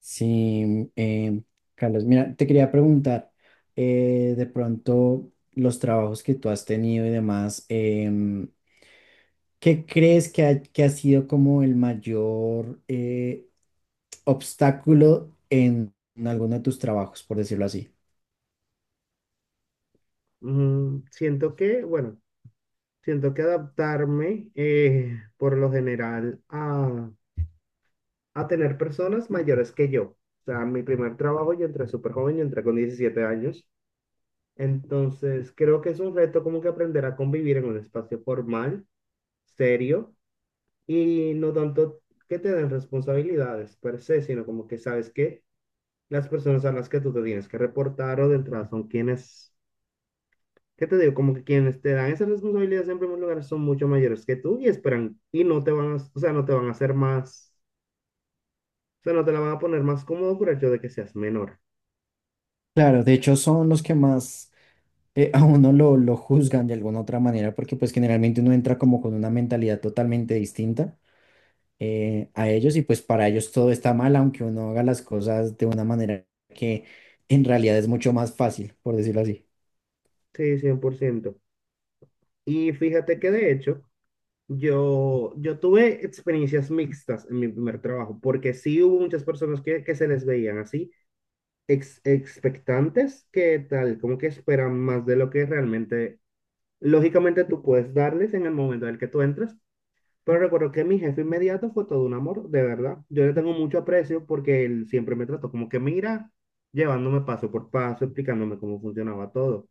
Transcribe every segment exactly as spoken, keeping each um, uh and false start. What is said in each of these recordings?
Sí, em, Carlos, mira, te quería preguntar, eh, de pronto los trabajos que tú has tenido y demás, em, ¿qué crees que ha, que ha sido como el mayor eh, obstáculo en, en alguno de tus trabajos, por decirlo así? Mm, siento que, bueno, siento que adaptarme eh, por lo general a, a tener personas mayores que yo. O sea, mi primer trabajo yo entré súper joven, yo entré con diecisiete años. Entonces, creo que es un reto como que aprender a convivir en un espacio formal, serio, y no tanto que te den responsabilidades per se, sino como que sabes que las personas a las que tú te tienes que reportar o de entrada son quienes... ¿Qué te digo? Como que quienes te dan esa responsabilidad en primer lugar son mucho mayores que tú y esperan y no te van a, o sea, no te van a hacer más, o sea, no te la van a poner más cómodo por el hecho de que seas menor. Claro, de hecho son los que más eh, a uno lo, lo juzgan de alguna otra manera, porque pues generalmente uno entra como con una mentalidad totalmente distinta. Eh, a ellos y pues para ellos todo está mal, aunque uno haga las cosas de una manera que en realidad es mucho más fácil, por decirlo así. Sí, cien por ciento. Y fíjate que de hecho, yo, yo tuve experiencias mixtas en mi primer trabajo, porque sí hubo muchas personas que, que se les veían así, ex- expectantes, que tal, como que esperan más de lo que realmente, lógicamente tú puedes darles en el momento en el que tú entras. Pero recuerdo que mi jefe inmediato fue todo un amor, de verdad. Yo le tengo mucho aprecio porque él siempre me trató como que mira, llevándome paso por paso, explicándome cómo funcionaba todo.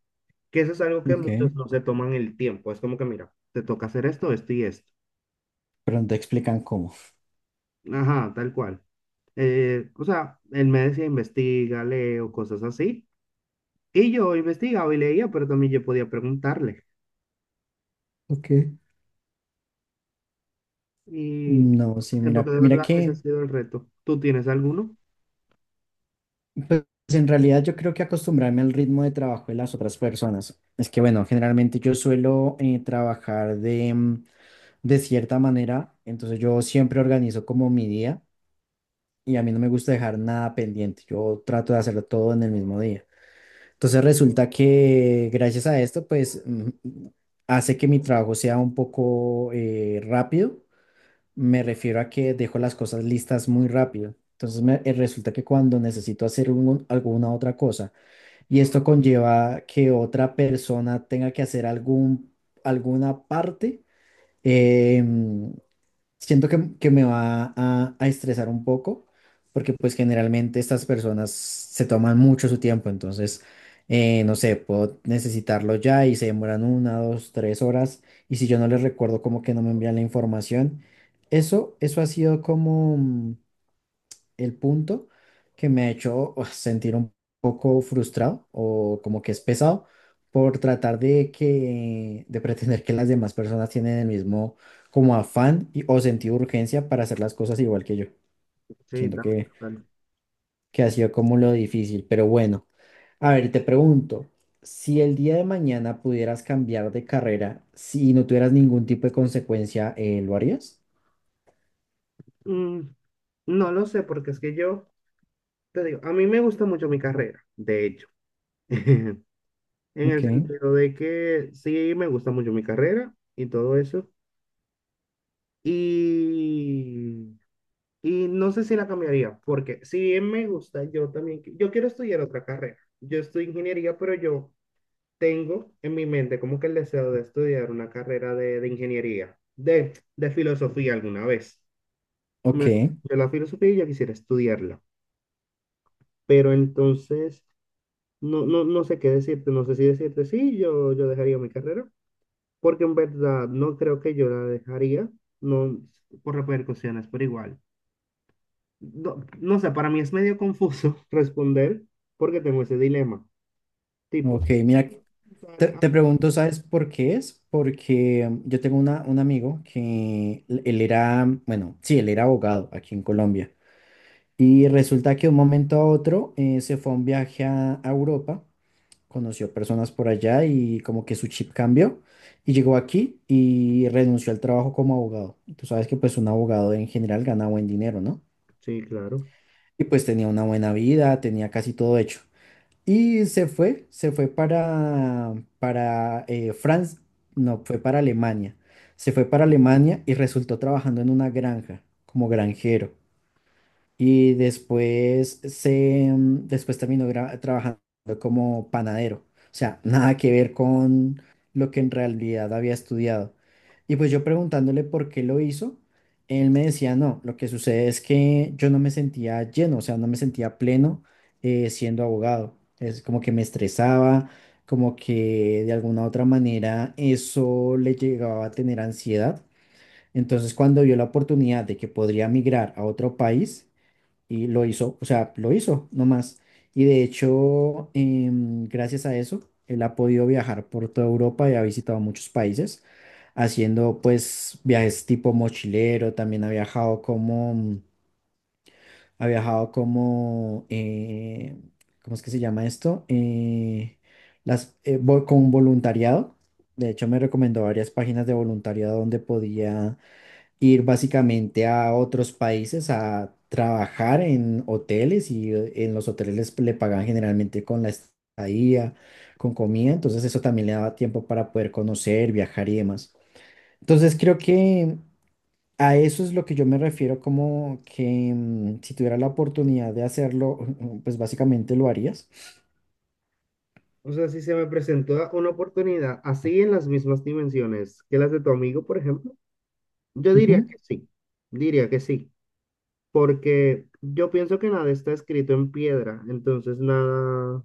Que eso es algo que Ok, muchos no se toman el tiempo. Es como que mira, te toca hacer esto, esto y esto. pero no te explican cómo. Ajá, tal cual. Eh, o sea, él me decía investiga, leo, cosas así. Y yo investigaba y leía, pero también yo podía preguntarle. Ok. Y No, sí, siento que mira, de mira verdad ese ha que, sido el reto. ¿Tú tienes alguno? pues en realidad yo creo que acostumbrarme al ritmo de trabajo de las otras personas. Es que bueno, generalmente yo suelo eh, trabajar de, mm, de cierta manera, entonces yo siempre organizo como mi día y a mí no me gusta dejar nada pendiente, yo trato de hacerlo todo en el mismo día. Entonces resulta que gracias a esto, pues mm, hace que mi trabajo sea un poco eh, rápido. Me refiero a que dejo las cosas listas muy rápido. Entonces me, eh, resulta que cuando necesito hacer un- alguna otra cosa y esto conlleva que otra persona tenga que hacer algún, alguna parte, em, siento que, que me va a, a estresar un poco, porque pues generalmente estas personas se toman mucho su tiempo, entonces, eh, no sé, puedo necesitarlo ya y se demoran una, dos, tres horas, y si yo no les recuerdo como que no me envían la información. Eso, eso ha sido como, mm, el punto que me ha hecho uf, sentir un poco frustrado o como que es pesado por tratar de que, de pretender que las demás personas tienen el mismo como afán y- o sentido de urgencia para hacer las cosas igual que yo. Sí, Siento que, también. que ha sido como lo difícil, pero bueno. A ver, te pregunto, si el día de mañana pudieras cambiar de carrera, si no tuvieras ningún tipo de consecuencia, eh, ¿lo harías? Mm, no lo sé, porque es que yo, te digo, a mí me gusta mucho mi carrera, de hecho, en Ok, el sentido de que sí me gusta mucho mi carrera y todo eso. Y, y no sé si la cambiaría, porque si me gusta, yo también, qui- yo quiero estudiar otra carrera. Yo estudio ingeniería, pero yo tengo en mi mente como que el deseo de estudiar una carrera de, de ingeniería, de, de filosofía alguna vez. ok, Me gusta la filosofía y yo quisiera estudiarla. Pero entonces... No, no, no sé qué decirte, no sé si decirte sí, yo, yo dejaría mi carrera, porque en verdad no creo que yo la dejaría, no por repercusiones, pero igual. No, no sé, para mí es medio confuso responder porque tengo ese dilema. ok. Tipos. Mira, Te, te pregunto, ¿sabes por qué es? Porque mm, yo tengo una, un amigo que l- él era, mm, bueno, sí, él era abogado aquí en Colombia. Y resulta que de un momento a otro eh, se fue a un viaje a, a Europa, conoció personas por allá y como que su chip cambió y llegó aquí y renunció al trabajo como abogado. Y tú sabes que pues un abogado en general gana buen dinero, ¿no? Sí, claro. Y pues tenía una buena vida, tenía casi todo hecho. Y se fue, se fue para, para eh, Francia, no, fue para Alemania. Se fue para Alemania y resultó trabajando en una granja como granjero. Y después se, mm, después terminó gra- trabajando como panadero. O sea, nada que ver con lo que en realidad había estudiado. Y pues yo preguntándole por qué lo hizo, él me decía, no, lo que sucede es que yo no me sentía lleno, o sea, no me sentía pleno eh, siendo abogado. Es como que me estresaba, como que de alguna u otra manera eso le llegaba a tener ansiedad. Entonces, cuando vio la oportunidad de que podría migrar a otro país, y lo hizo, o sea, lo hizo nomás. Y de hecho, em, gracias a eso, él ha podido viajar por toda Europa y ha visitado muchos países, haciendo pues viajes tipo mochilero, también ha viajado como, mm, ha viajado como, eh, ¿cómo es que se llama esto? Eh, las, eh, vo- con voluntariado. De hecho, me recomendó varias páginas de voluntariado donde podía ir básicamente a otros países a trabajar en hoteles y eh, en los hoteles les- le pagan generalmente con la estadía, con comida, entonces eso también le daba tiempo para poder conocer, viajar y demás. Entonces creo que a eso es lo que yo me refiero como que mm, si tuviera la oportunidad de hacerlo, pues básicamente lo harías. O sea, si se me presentó una oportunidad así en las mismas dimensiones que las de tu amigo, por ejemplo, yo diría Ujú, que sí, diría que sí, porque yo pienso que nada está escrito en piedra, entonces nada.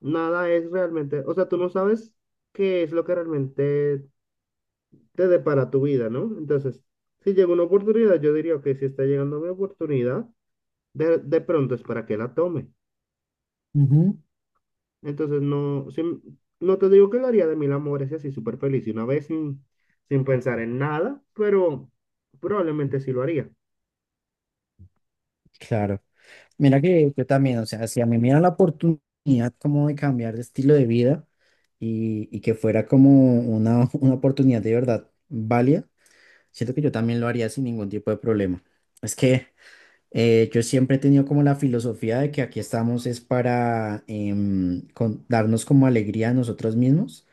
Nada es realmente, o sea, tú no sabes qué es lo que realmente te depara tu vida, ¿no? Entonces, si llega una oportunidad, yo diría que si está llegando mi oportunidad, de, de pronto es para que la tome. ujú. Entonces, no, si m- no te digo que lo haría de mil amores y así súper feliz y una vez sin, sin pensar en nada, pero probablemente sí lo haría. Claro. Mira que yo también, o sea, si a mí me dieran la oportunidad como de cambiar de estilo de vida y, y que fuera como una, una oportunidad de verdad válida, siento que yo también lo haría sin ningún tipo de problema. Es que eh, yo siempre he tenido como la filosofía de que aquí estamos es para em, con- darnos como alegría a nosotros mismos,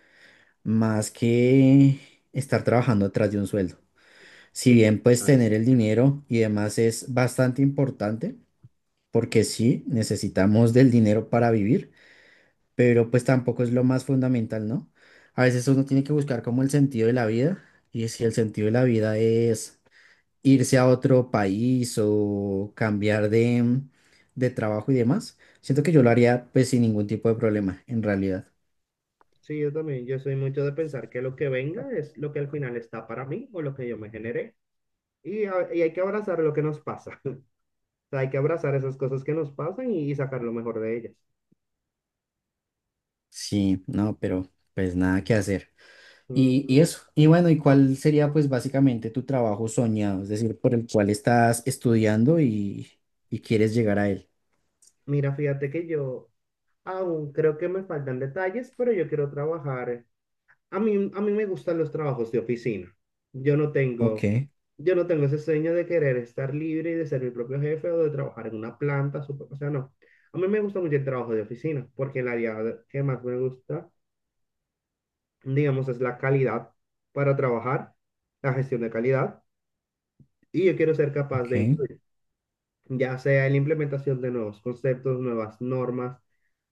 más que estar trabajando detrás de un sueldo. Si Sí, bien pues ah. tener el dinero y demás es bastante importante porque sí, necesitamos del dinero para vivir, pero pues tampoco es lo más fundamental, ¿no? A veces uno tiene que buscar como el sentido de la vida y si el sentido de la vida es irse a otro país o cambiar de, de trabajo y demás, siento que yo lo haría pues sin ningún tipo de problema, en realidad. Sí, yo también, yo soy mucho de pensar que lo que venga es lo que al final está para mí o lo que yo me generé y, a- y hay que abrazar lo que nos pasa. Sea, hay que abrazar esas cosas que nos pasan y, y sacar lo mejor de ellas. Sí, no, pero pues nada que hacer. Y, y Ujú. eso, y bueno, ¿y cuál sería pues básicamente tu trabajo soñado? Es decir, por el cual estás estudiando y, y quieres llegar a él. Mira, fíjate que yo aún creo que me faltan detalles, pero yo quiero trabajar. A mí, a mí me gustan los trabajos de oficina. Yo no tengo, Ok, yo no tengo ese sueño de querer estar libre y de ser mi propio jefe o de trabajar en una planta. Super- o sea, no. A mí me gusta mucho el trabajo de oficina porque el área de- que más me gusta, digamos, es la calidad para trabajar, la gestión de calidad, y yo quiero ser capaz de ok, influir, ya sea en la implementación de nuevos conceptos, nuevas normas,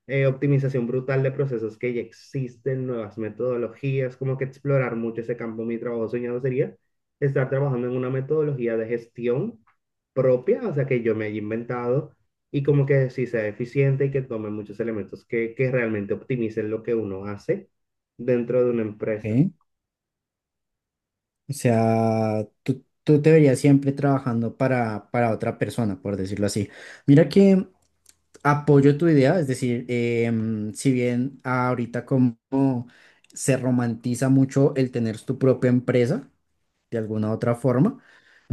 eh, optimización brutal de procesos que ya existen, nuevas metodologías, como que explorar mucho ese campo. Mi trabajo soñado sería estar trabajando en una metodología de gestión propia, o sea, que yo me haya inventado y como que sí sea eficiente y que tome muchos elementos que, que realmente optimicen lo que uno hace dentro de una empresa. ok. O sea, tú, tú te verías siempre trabajando para, para otra persona, por decirlo así. Mira que apoyo tu idea, es decir, em, si bien ahorita como se romantiza mucho el tener tu propia empresa, de alguna u otra forma.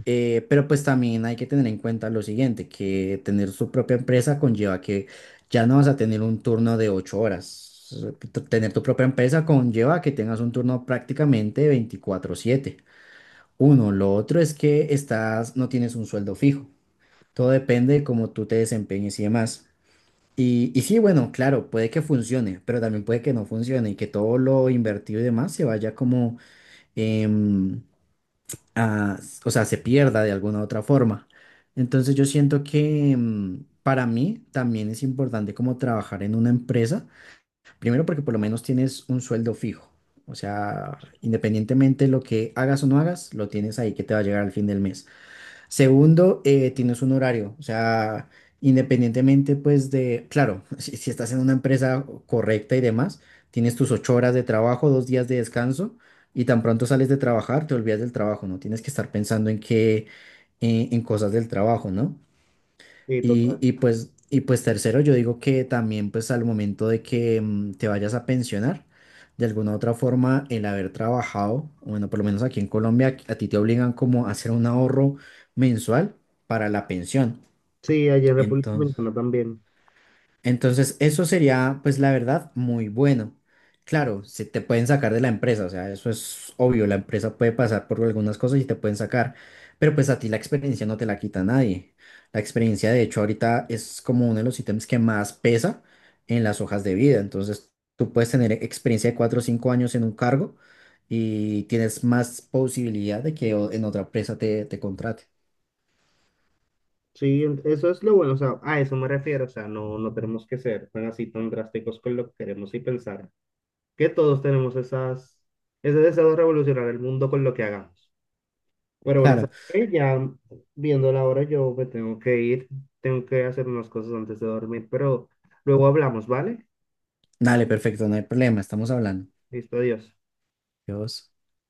Eh, pero pues también hay que tener en cuenta lo siguiente, que tener su propia empresa conlleva que ya no vas a tener un turno de ocho horas. T- Tener tu propia empresa conlleva que tengas un turno prácticamente veinticuatro siete. Uno, lo otro es que estás, no tienes un sueldo fijo. Todo depende de cómo tú te desempeñes y demás. Y, y sí, bueno, claro, puede que funcione, pero también puede que no funcione y que todo lo invertido y demás se vaya como em, ah, s- o sea, se pierda de alguna u otra forma. Entonces yo siento que mm, para mí también es importante como trabajar en una empresa, primero porque por lo menos tienes un sueldo fijo, o sea, independientemente de lo que hagas o no hagas, lo tienes ahí que te va a llegar al fin del mes. Segundo, eh, tienes un horario, o sea, independientemente pues de, claro, si, si estás en una empresa correcta y demás, tienes tus ocho horas de trabajo, dos días de descanso y tan pronto sales de trabajar, te olvidas del trabajo, no tienes que estar pensando en qué, en en cosas del trabajo, ¿no? Sí, Y, total. Y pues, y pues tercero, yo digo que también pues al momento de que mm, te vayas a pensionar, de alguna u otra forma, el haber trabajado, bueno, por lo menos aquí en Colombia, a ti te obligan como a hacer un ahorro mensual para la pensión. Sí, allí en República entonces Dominicana también. entonces, eso sería, pues la verdad, muy bueno. Claro, se te pueden sacar de la empresa, o sea, eso es obvio, la empresa puede pasar por algunas cosas y te pueden sacar, pero pues a ti la experiencia no te la quita nadie. La experiencia, de hecho, ahorita es como uno de los ítems que más pesa en las hojas de vida. Entonces, tú puedes tener experiencia de cuatro o cinco años en un cargo y tienes más posibilidad de que o- en otra empresa te, te contrate. Sí, en- eso es lo bueno, o sea, a eso me refiero, o sea, no, no tenemos que ser tan así tan drásticos con lo que queremos y pensar que todos tenemos esas, ese deseo de revolucionar el mundo con lo que hagamos. Pero bueno, Claro, ¿sabes qué? Ya viendo la hora, yo me tengo que ir, tengo que hacer unas cosas antes de dormir, pero luego hablamos, ¿vale? dale, perfecto, no hay problema, estamos hablando. Listo, adiós. Dios.